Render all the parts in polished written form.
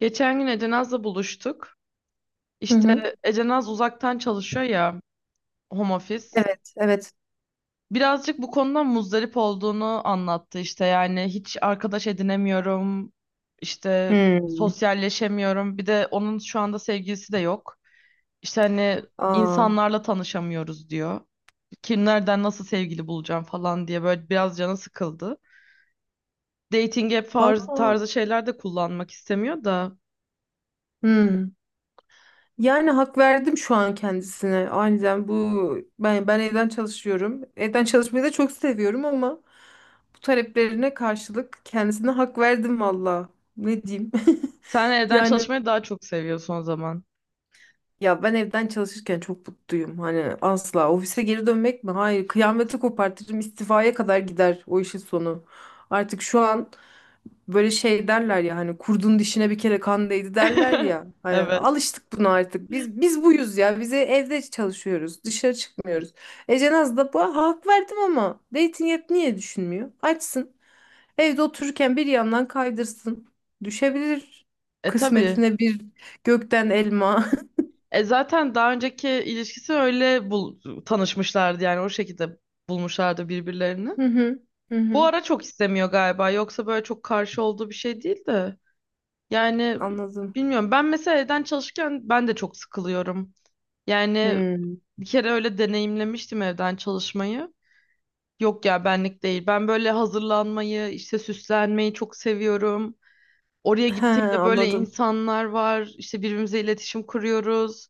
Geçen gün Ecenaz'la buluştuk. Hı İşte hı. Ecenaz uzaktan çalışıyor ya home office. Evet, evet. Birazcık bu konudan muzdarip olduğunu anlattı işte yani hiç arkadaş edinemiyorum, işte Hmm. sosyalleşemiyorum. Bir de onun şu anda sevgilisi de yok. İşte hani Aa, insanlarla tanışamıyoruz diyor. Kimlerden nasıl sevgili bulacağım falan diye böyle biraz canı sıkıldı. Dating app valla. tarzı şeyler de kullanmak istemiyor da Hmm. Yani hak verdim şu an kendisine. Aniden bu ben evden çalışıyorum. Evden çalışmayı da çok seviyorum ama bu taleplerine karşılık kendisine hak verdim valla. Ne diyeyim? sen evden Yani çalışmayı daha çok seviyorsun o zaman. ya ben evden çalışırken çok mutluyum. Hani asla ofise geri dönmek mi? Hayır, kıyameti kopartırım, istifaya kadar gider o işin sonu. Artık şu an böyle şey derler ya, hani kurdun dişine bir kere kan değdi derler ya. Hani Evet. alıştık buna artık. Biz buyuz ya. Bize evde çalışıyoruz. Dışarı çıkmıyoruz. Ece Naz da bu, hak verdim ama dating app niye düşünmüyor? Açsın. Evde otururken bir yandan kaydırsın. Düşebilir E tabii. kısmetine bir gökten elma. E zaten daha önceki ilişkisi öyle bul tanışmışlardı yani o şekilde bulmuşlardı birbirlerini. Hı hı. Hı Bu hı. ara çok istemiyor galiba. Yoksa böyle çok karşı olduğu bir şey değil de. Yani Anladım. bilmiyorum. Ben mesela evden çalışırken ben de çok sıkılıyorum. Yani Hmm. bir kere öyle deneyimlemiştim evden çalışmayı. Yok ya benlik değil. Ben böyle hazırlanmayı, işte süslenmeyi çok seviyorum. Oraya He, gittiğimde böyle anladım. insanlar var. İşte birbirimize iletişim kuruyoruz.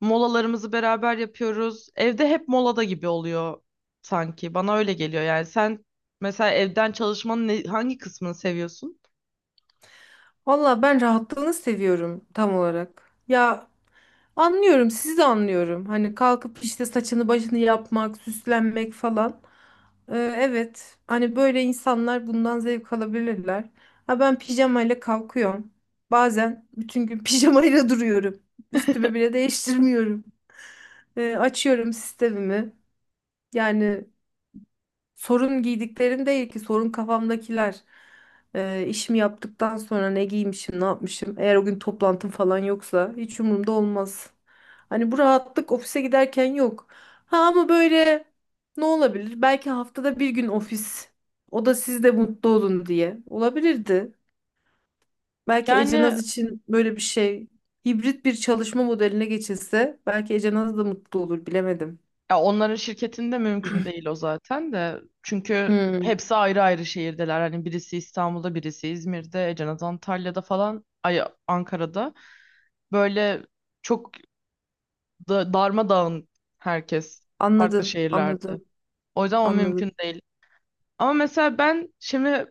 Molalarımızı beraber yapıyoruz. Evde hep molada gibi oluyor sanki. Bana öyle geliyor. Yani sen mesela evden çalışmanın hangi kısmını seviyorsun? Valla ben rahatlığını seviyorum tam olarak. Ya anlıyorum, sizi de anlıyorum. Hani kalkıp işte saçını başını yapmak, süslenmek falan. Evet, hani böyle insanlar bundan zevk alabilirler. Ha ben pijamayla kalkıyorum. Bazen bütün gün pijamayla duruyorum. Üstümü bile değiştirmiyorum. Açıyorum sistemimi. Yani sorun giydiklerim değil ki, sorun kafamdakiler. İşimi yaptıktan sonra ne giymişim, ne yapmışım. Eğer o gün toplantım falan yoksa hiç umurumda olmaz. Hani bu rahatlık ofise giderken yok. Ha ama böyle ne olabilir? Belki haftada bir gün ofis. O da siz de mutlu olun diye. Olabilirdi. Belki Ecenaz Yani için böyle bir şey, hibrit bir çalışma modeline geçilse belki Ecenaz da mutlu olur, bilemedim. ya onların şirketinde mümkün değil o zaten de. Çünkü Hmm, hepsi ayrı ayrı şehirdeler. Hani birisi İstanbul'da, birisi İzmir'de, Cenaz Antalya'da falan, ay Ankara'da. Böyle çok da, darmadağın herkes farklı anladım, şehirlerde. anladım, O yüzden o mümkün anladım. değil. Ama mesela ben şimdi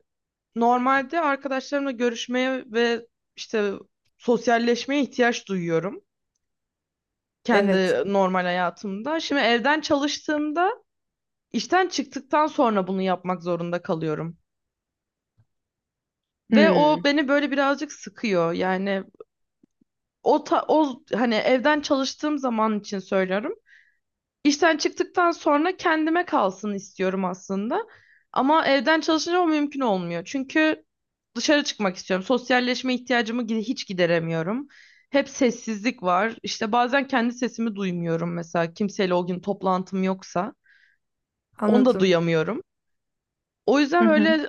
normalde arkadaşlarımla görüşmeye ve işte sosyalleşmeye ihtiyaç duyuyorum Evet. kendi normal hayatımda. Şimdi evden çalıştığımda işten çıktıktan sonra bunu yapmak zorunda kalıyorum. Ve o Hmm, beni böyle birazcık sıkıyor. Yani o hani evden çalıştığım zaman için söylüyorum. İşten çıktıktan sonra kendime kalsın istiyorum aslında. Ama evden çalışınca o mümkün olmuyor. Çünkü dışarı çıkmak istiyorum. Sosyalleşme ihtiyacımı hiç gideremiyorum. Hep sessizlik var. İşte bazen kendi sesimi duymuyorum mesela. Kimseyle o gün toplantım yoksa. Onu da anladım. duyamıyorum. O Hı yüzden hı, böyle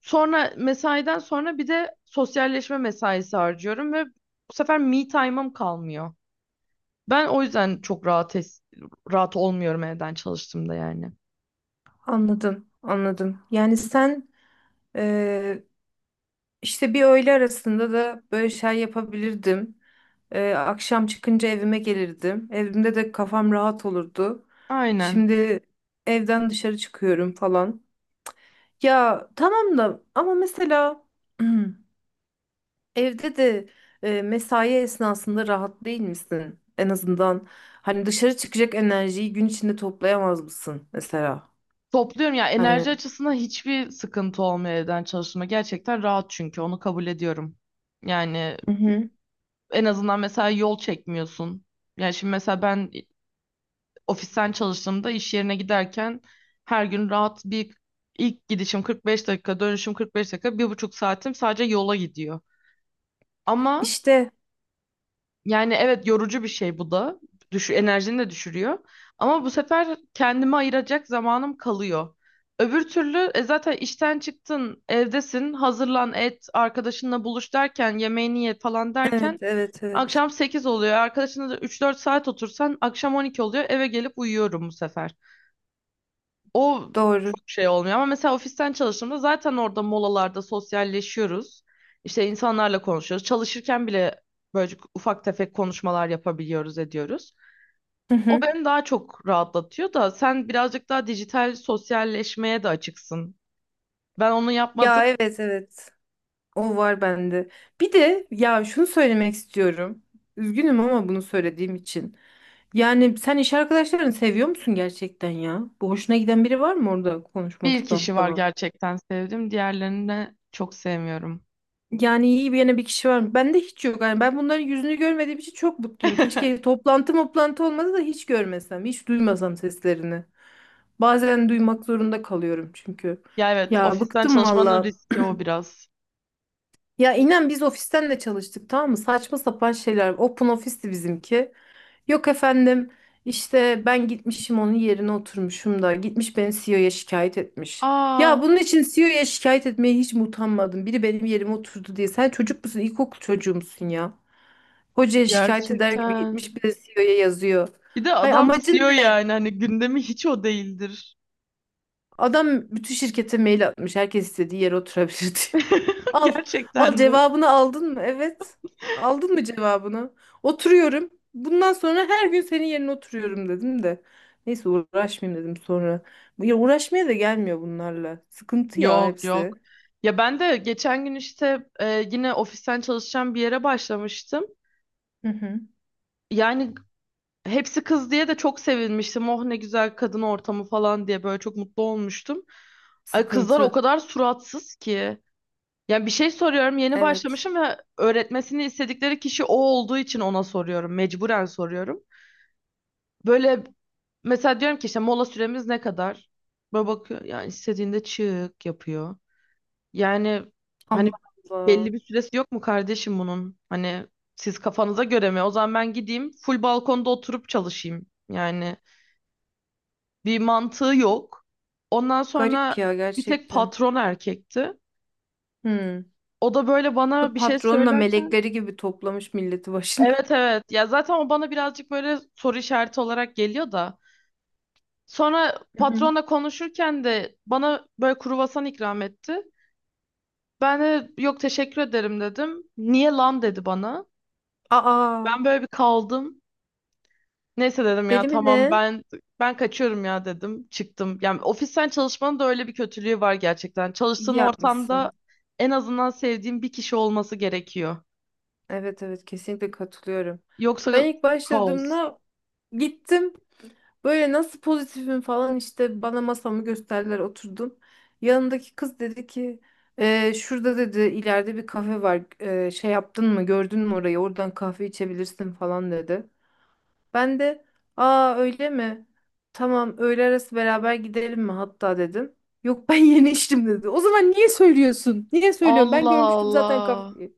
sonra mesaiden sonra bir de sosyalleşme mesaisi harcıyorum ve bu sefer me time'ım kalmıyor. Ben o yüzden çok rahat rahat olmuyorum evden çalıştığımda yani. anladım, anladım. Yani sen, e, işte bir öğle arasında da böyle şey yapabilirdim. Akşam çıkınca evime gelirdim. Evimde de kafam rahat olurdu. Aynen. Şimdi evden dışarı çıkıyorum falan. Ya tamam da, ama mesela evde de, mesai esnasında rahat değil misin? En azından hani dışarı çıkacak enerjiyi gün içinde toplayamaz mısın mesela? Topluyorum ya Hani. enerji açısından hiçbir sıkıntı olmuyor evden çalışma. Gerçekten rahat çünkü onu kabul ediyorum. Yani en azından mesela yol çekmiyorsun. Yani şimdi mesela ben ofisten çalıştığımda iş yerine giderken her gün rahat bir ilk gidişim 45 dakika, dönüşüm 45 dakika, 1,5 saatim sadece yola gidiyor. Ama İşte yani evet yorucu bir şey bu da. Düş enerjini de düşürüyor. Ama bu sefer kendime ayıracak zamanım kalıyor. Öbür türlü zaten işten çıktın, evdesin, hazırlan et, arkadaşınla buluş derken, yemeğini ye falan derken evet, evet, evet, akşam 8 oluyor. Arkadaşınla da 3-4 saat otursan akşam 12 oluyor. Eve gelip uyuyorum bu sefer. O doğru. çok şey olmuyor ama mesela ofisten çalıştığımda zaten orada molalarda sosyalleşiyoruz. İşte insanlarla konuşuyoruz. Çalışırken bile böyle ufak tefek konuşmalar yapabiliyoruz, ediyoruz. Hı O hı. beni daha çok rahatlatıyor da sen birazcık daha dijital sosyalleşmeye de açıksın. Ben onu Ya yapmadım. evet, evet, o var bende. Bir de ya şunu söylemek istiyorum. Üzgünüm ama bunu söylediğim için. Yani sen iş arkadaşlarını seviyor musun gerçekten ya? Bu hoşuna giden biri var mı orada, Bir konuşmaktan kişi var falan? gerçekten sevdim. Diğerlerini de çok sevmiyorum. Yani iyi bir yana, bir kişi var mı? Bende hiç yok. Yani ben bunların yüzünü görmediğim için çok mutluyum. Keşke toplantı toplantı olmadı da hiç görmesem, hiç duymasam seslerini. Bazen duymak zorunda kalıyorum çünkü. Ya evet, Ya ofisten bıktım çalışmanın valla. riski o biraz. Ya inen biz ofisten de çalıştık, tamam mı? Saçma sapan şeyler. Open ofisti bizimki. Yok efendim, işte ben gitmişim onun yerine oturmuşum da gitmiş beni CEO'ya şikayet etmiş. Aa, Ya bunun için CEO'ya şikayet etmeye hiç mi utanmadın? Biri benim yerime oturdu diye. Sen çocuk musun? İlkokul çocuğu musun ya? Hocaya şikayet eder gibi gerçekten. gitmiş, bir de CEO'ya yazıyor. Bir de Hay adam amacın CEO ne? yani hani gündemi hiç o değildir. Adam bütün şirkete mail atmış. Herkes istediği yere oturabilir diye. Al. Al, Gerçekten mi? cevabını aldın mı? Evet. Aldın mı cevabını? Oturuyorum. Bundan sonra her gün senin yerine oturuyorum dedim de. Neyse, uğraşmayayım dedim sonra. Ya uğraşmaya da gelmiyor bunlarla. Sıkıntı ya Yok yok. hepsi. Ya ben de geçen gün işte yine ofisten çalışacağım bir yere başlamıştım. Hı hı. Yani hepsi kız diye de çok sevinmiştim. Oh ne güzel kadın ortamı falan diye böyle çok mutlu olmuştum. Ay kızlar o Sıkıntı. kadar suratsız ki. Yani bir şey soruyorum yeni Evet. başlamışım ve öğretmesini istedikleri kişi o olduğu için ona soruyorum. Mecburen soruyorum. Böyle mesela diyorum ki işte mola süremiz ne kadar? Böyle bakıyor yani istediğinde çık yapıyor. Yani hani Allah Allah. belli bir süresi yok mu kardeşim bunun? Hani siz kafanıza göre mi? O zaman ben gideyim full balkonda oturup çalışayım. Yani bir mantığı yok. Ondan Garip sonra ya bir tek gerçekten. patron erkekti. Hı. O da böyle Bu bana bir şey patronla söylerken melekleri gibi toplamış milleti başına. evet evet ya zaten o bana birazcık böyle soru işareti olarak geliyor da. Sonra Hı hı. patronla konuşurken de bana böyle kruvasan ikram etti. Ben de yok teşekkür ederim dedim. Niye lan dedi bana. Aa, Ben böyle bir kaldım. Neyse dedim ya deli mi tamam ne? ben ben kaçıyorum ya dedim. Çıktım. Yani ofisten çalışmanın da öyle bir kötülüğü var gerçekten. İyi Çalıştığın ortamda yapmışsın. en azından sevdiğin bir kişi olması gerekiyor. Evet, evet, kesinlikle katılıyorum. Ben Yoksa ilk kaos. başladığımda gittim. Böyle nasıl pozitifim falan, işte bana masamı gösterdiler, oturdum. Yanındaki kız dedi ki: şurada, dedi, ileride bir kafe var. Şey yaptın mı, gördün mü orayı? Oradan kahve içebilirsin," falan dedi. Ben de, aa, öyle mi? Tamam, öğle arası beraber gidelim mi hatta, dedim. Yok, ben yeni içtim, dedi. O zaman niye söylüyorsun? Niye söylüyorum? Ben Allah görmüştüm zaten Allah. kafayı.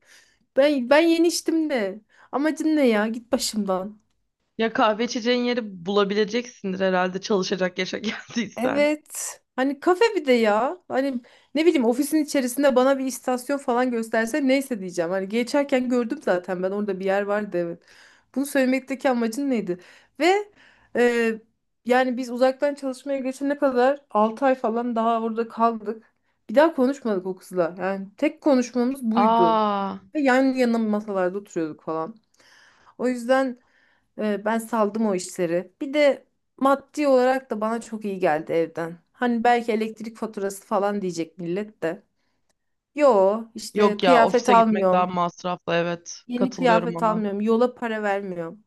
Ben yeni içtim de. Amacın ne ya? Git başımdan. Ya kahve içeceğin yeri bulabileceksindir herhalde çalışacak yaşa geldiysen. Evet. Hani kafe bir de ya. Hani ne bileyim, ofisin içerisinde bana bir istasyon falan gösterse neyse diyeceğim. Hani geçerken gördüm zaten, ben orada bir yer vardı, evet. Bunu söylemekteki amacın neydi? Ve e, yani biz uzaktan çalışmaya geçene kadar 6 ay falan daha orada kaldık. Bir daha konuşmadık o kızla. Yani tek konuşmamız buydu. Aa, Ve yan yana masalarda oturuyorduk falan. O yüzden ben saldım o işleri. Bir de maddi olarak da bana çok iyi geldi evden. Hani belki elektrik faturası falan diyecek millet de. Yo işte, yok ya kıyafet ofise gitmek daha almıyorum. masraflı evet. Yeni Katılıyorum kıyafet ona. almıyorum. Yola para vermiyorum.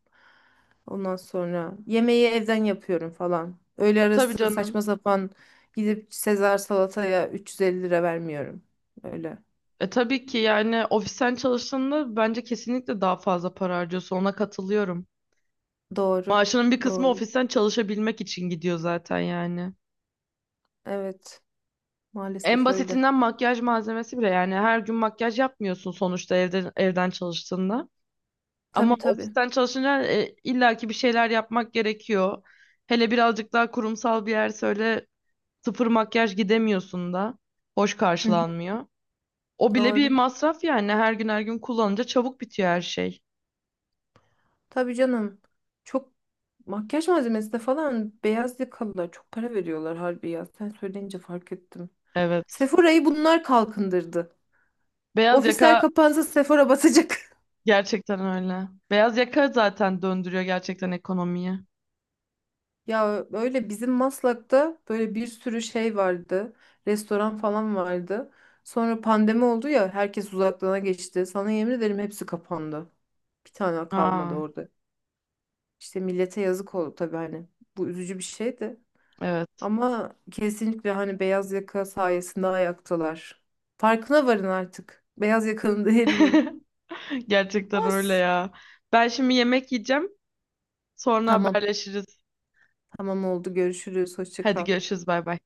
Ondan sonra yemeği evden yapıyorum falan. Öğle E, tabii arası canım. saçma sapan gidip Sezar salataya 350 lira vermiyorum. Öyle. E tabii ki yani ofisten çalıştığında bence kesinlikle daha fazla para harcıyorsun. Ona katılıyorum. Doğru. Maaşının bir kısmı Doğru. ofisten çalışabilmek için gidiyor zaten yani. Evet. En Maalesef öyle. basitinden makyaj malzemesi bile yani her gün makyaj yapmıyorsun sonuçta evden çalıştığında. Ama Tabii tabii. ofisten çalışınca illaki bir şeyler yapmak gerekiyor. Hele birazcık daha kurumsal bir yer söyle sıfır makyaj gidemiyorsun da. Hoş Hı hı. karşılanmıyor. O bile bir Doğru. masraf yani her gün her gün kullanınca çabuk bitiyor her şey. Tabii canım. Çok makyaj malzemesine falan beyaz yakalılar çok para veriyorlar harbi ya. Sen söyleyince fark ettim. Evet. Sephora'yı bunlar kalkındırdı. Beyaz Ofisler yaka kapansa Sephora basacak. gerçekten öyle. Beyaz yaka zaten döndürüyor gerçekten ekonomiyi. Ya öyle, bizim Maslak'ta böyle bir sürü şey vardı. Restoran falan vardı. Sonra pandemi oldu ya, herkes uzaklığına geçti. Sana yemin ederim hepsi kapandı. Bir tane kalmadı Aa, orada. İşte millete yazık oldu tabii hani. Bu üzücü bir şeydi. evet. Ama kesinlikle hani beyaz yaka sayesinde ayaktalar. Farkına varın artık. Beyaz yakanın değerinin. Gerçekten öyle Olsun. ya. Ben şimdi yemek yiyeceğim. Sonra Tamam. haberleşiriz. Tamam oldu. Görüşürüz. Hoşça Hadi kal. görüşürüz. Bay bay.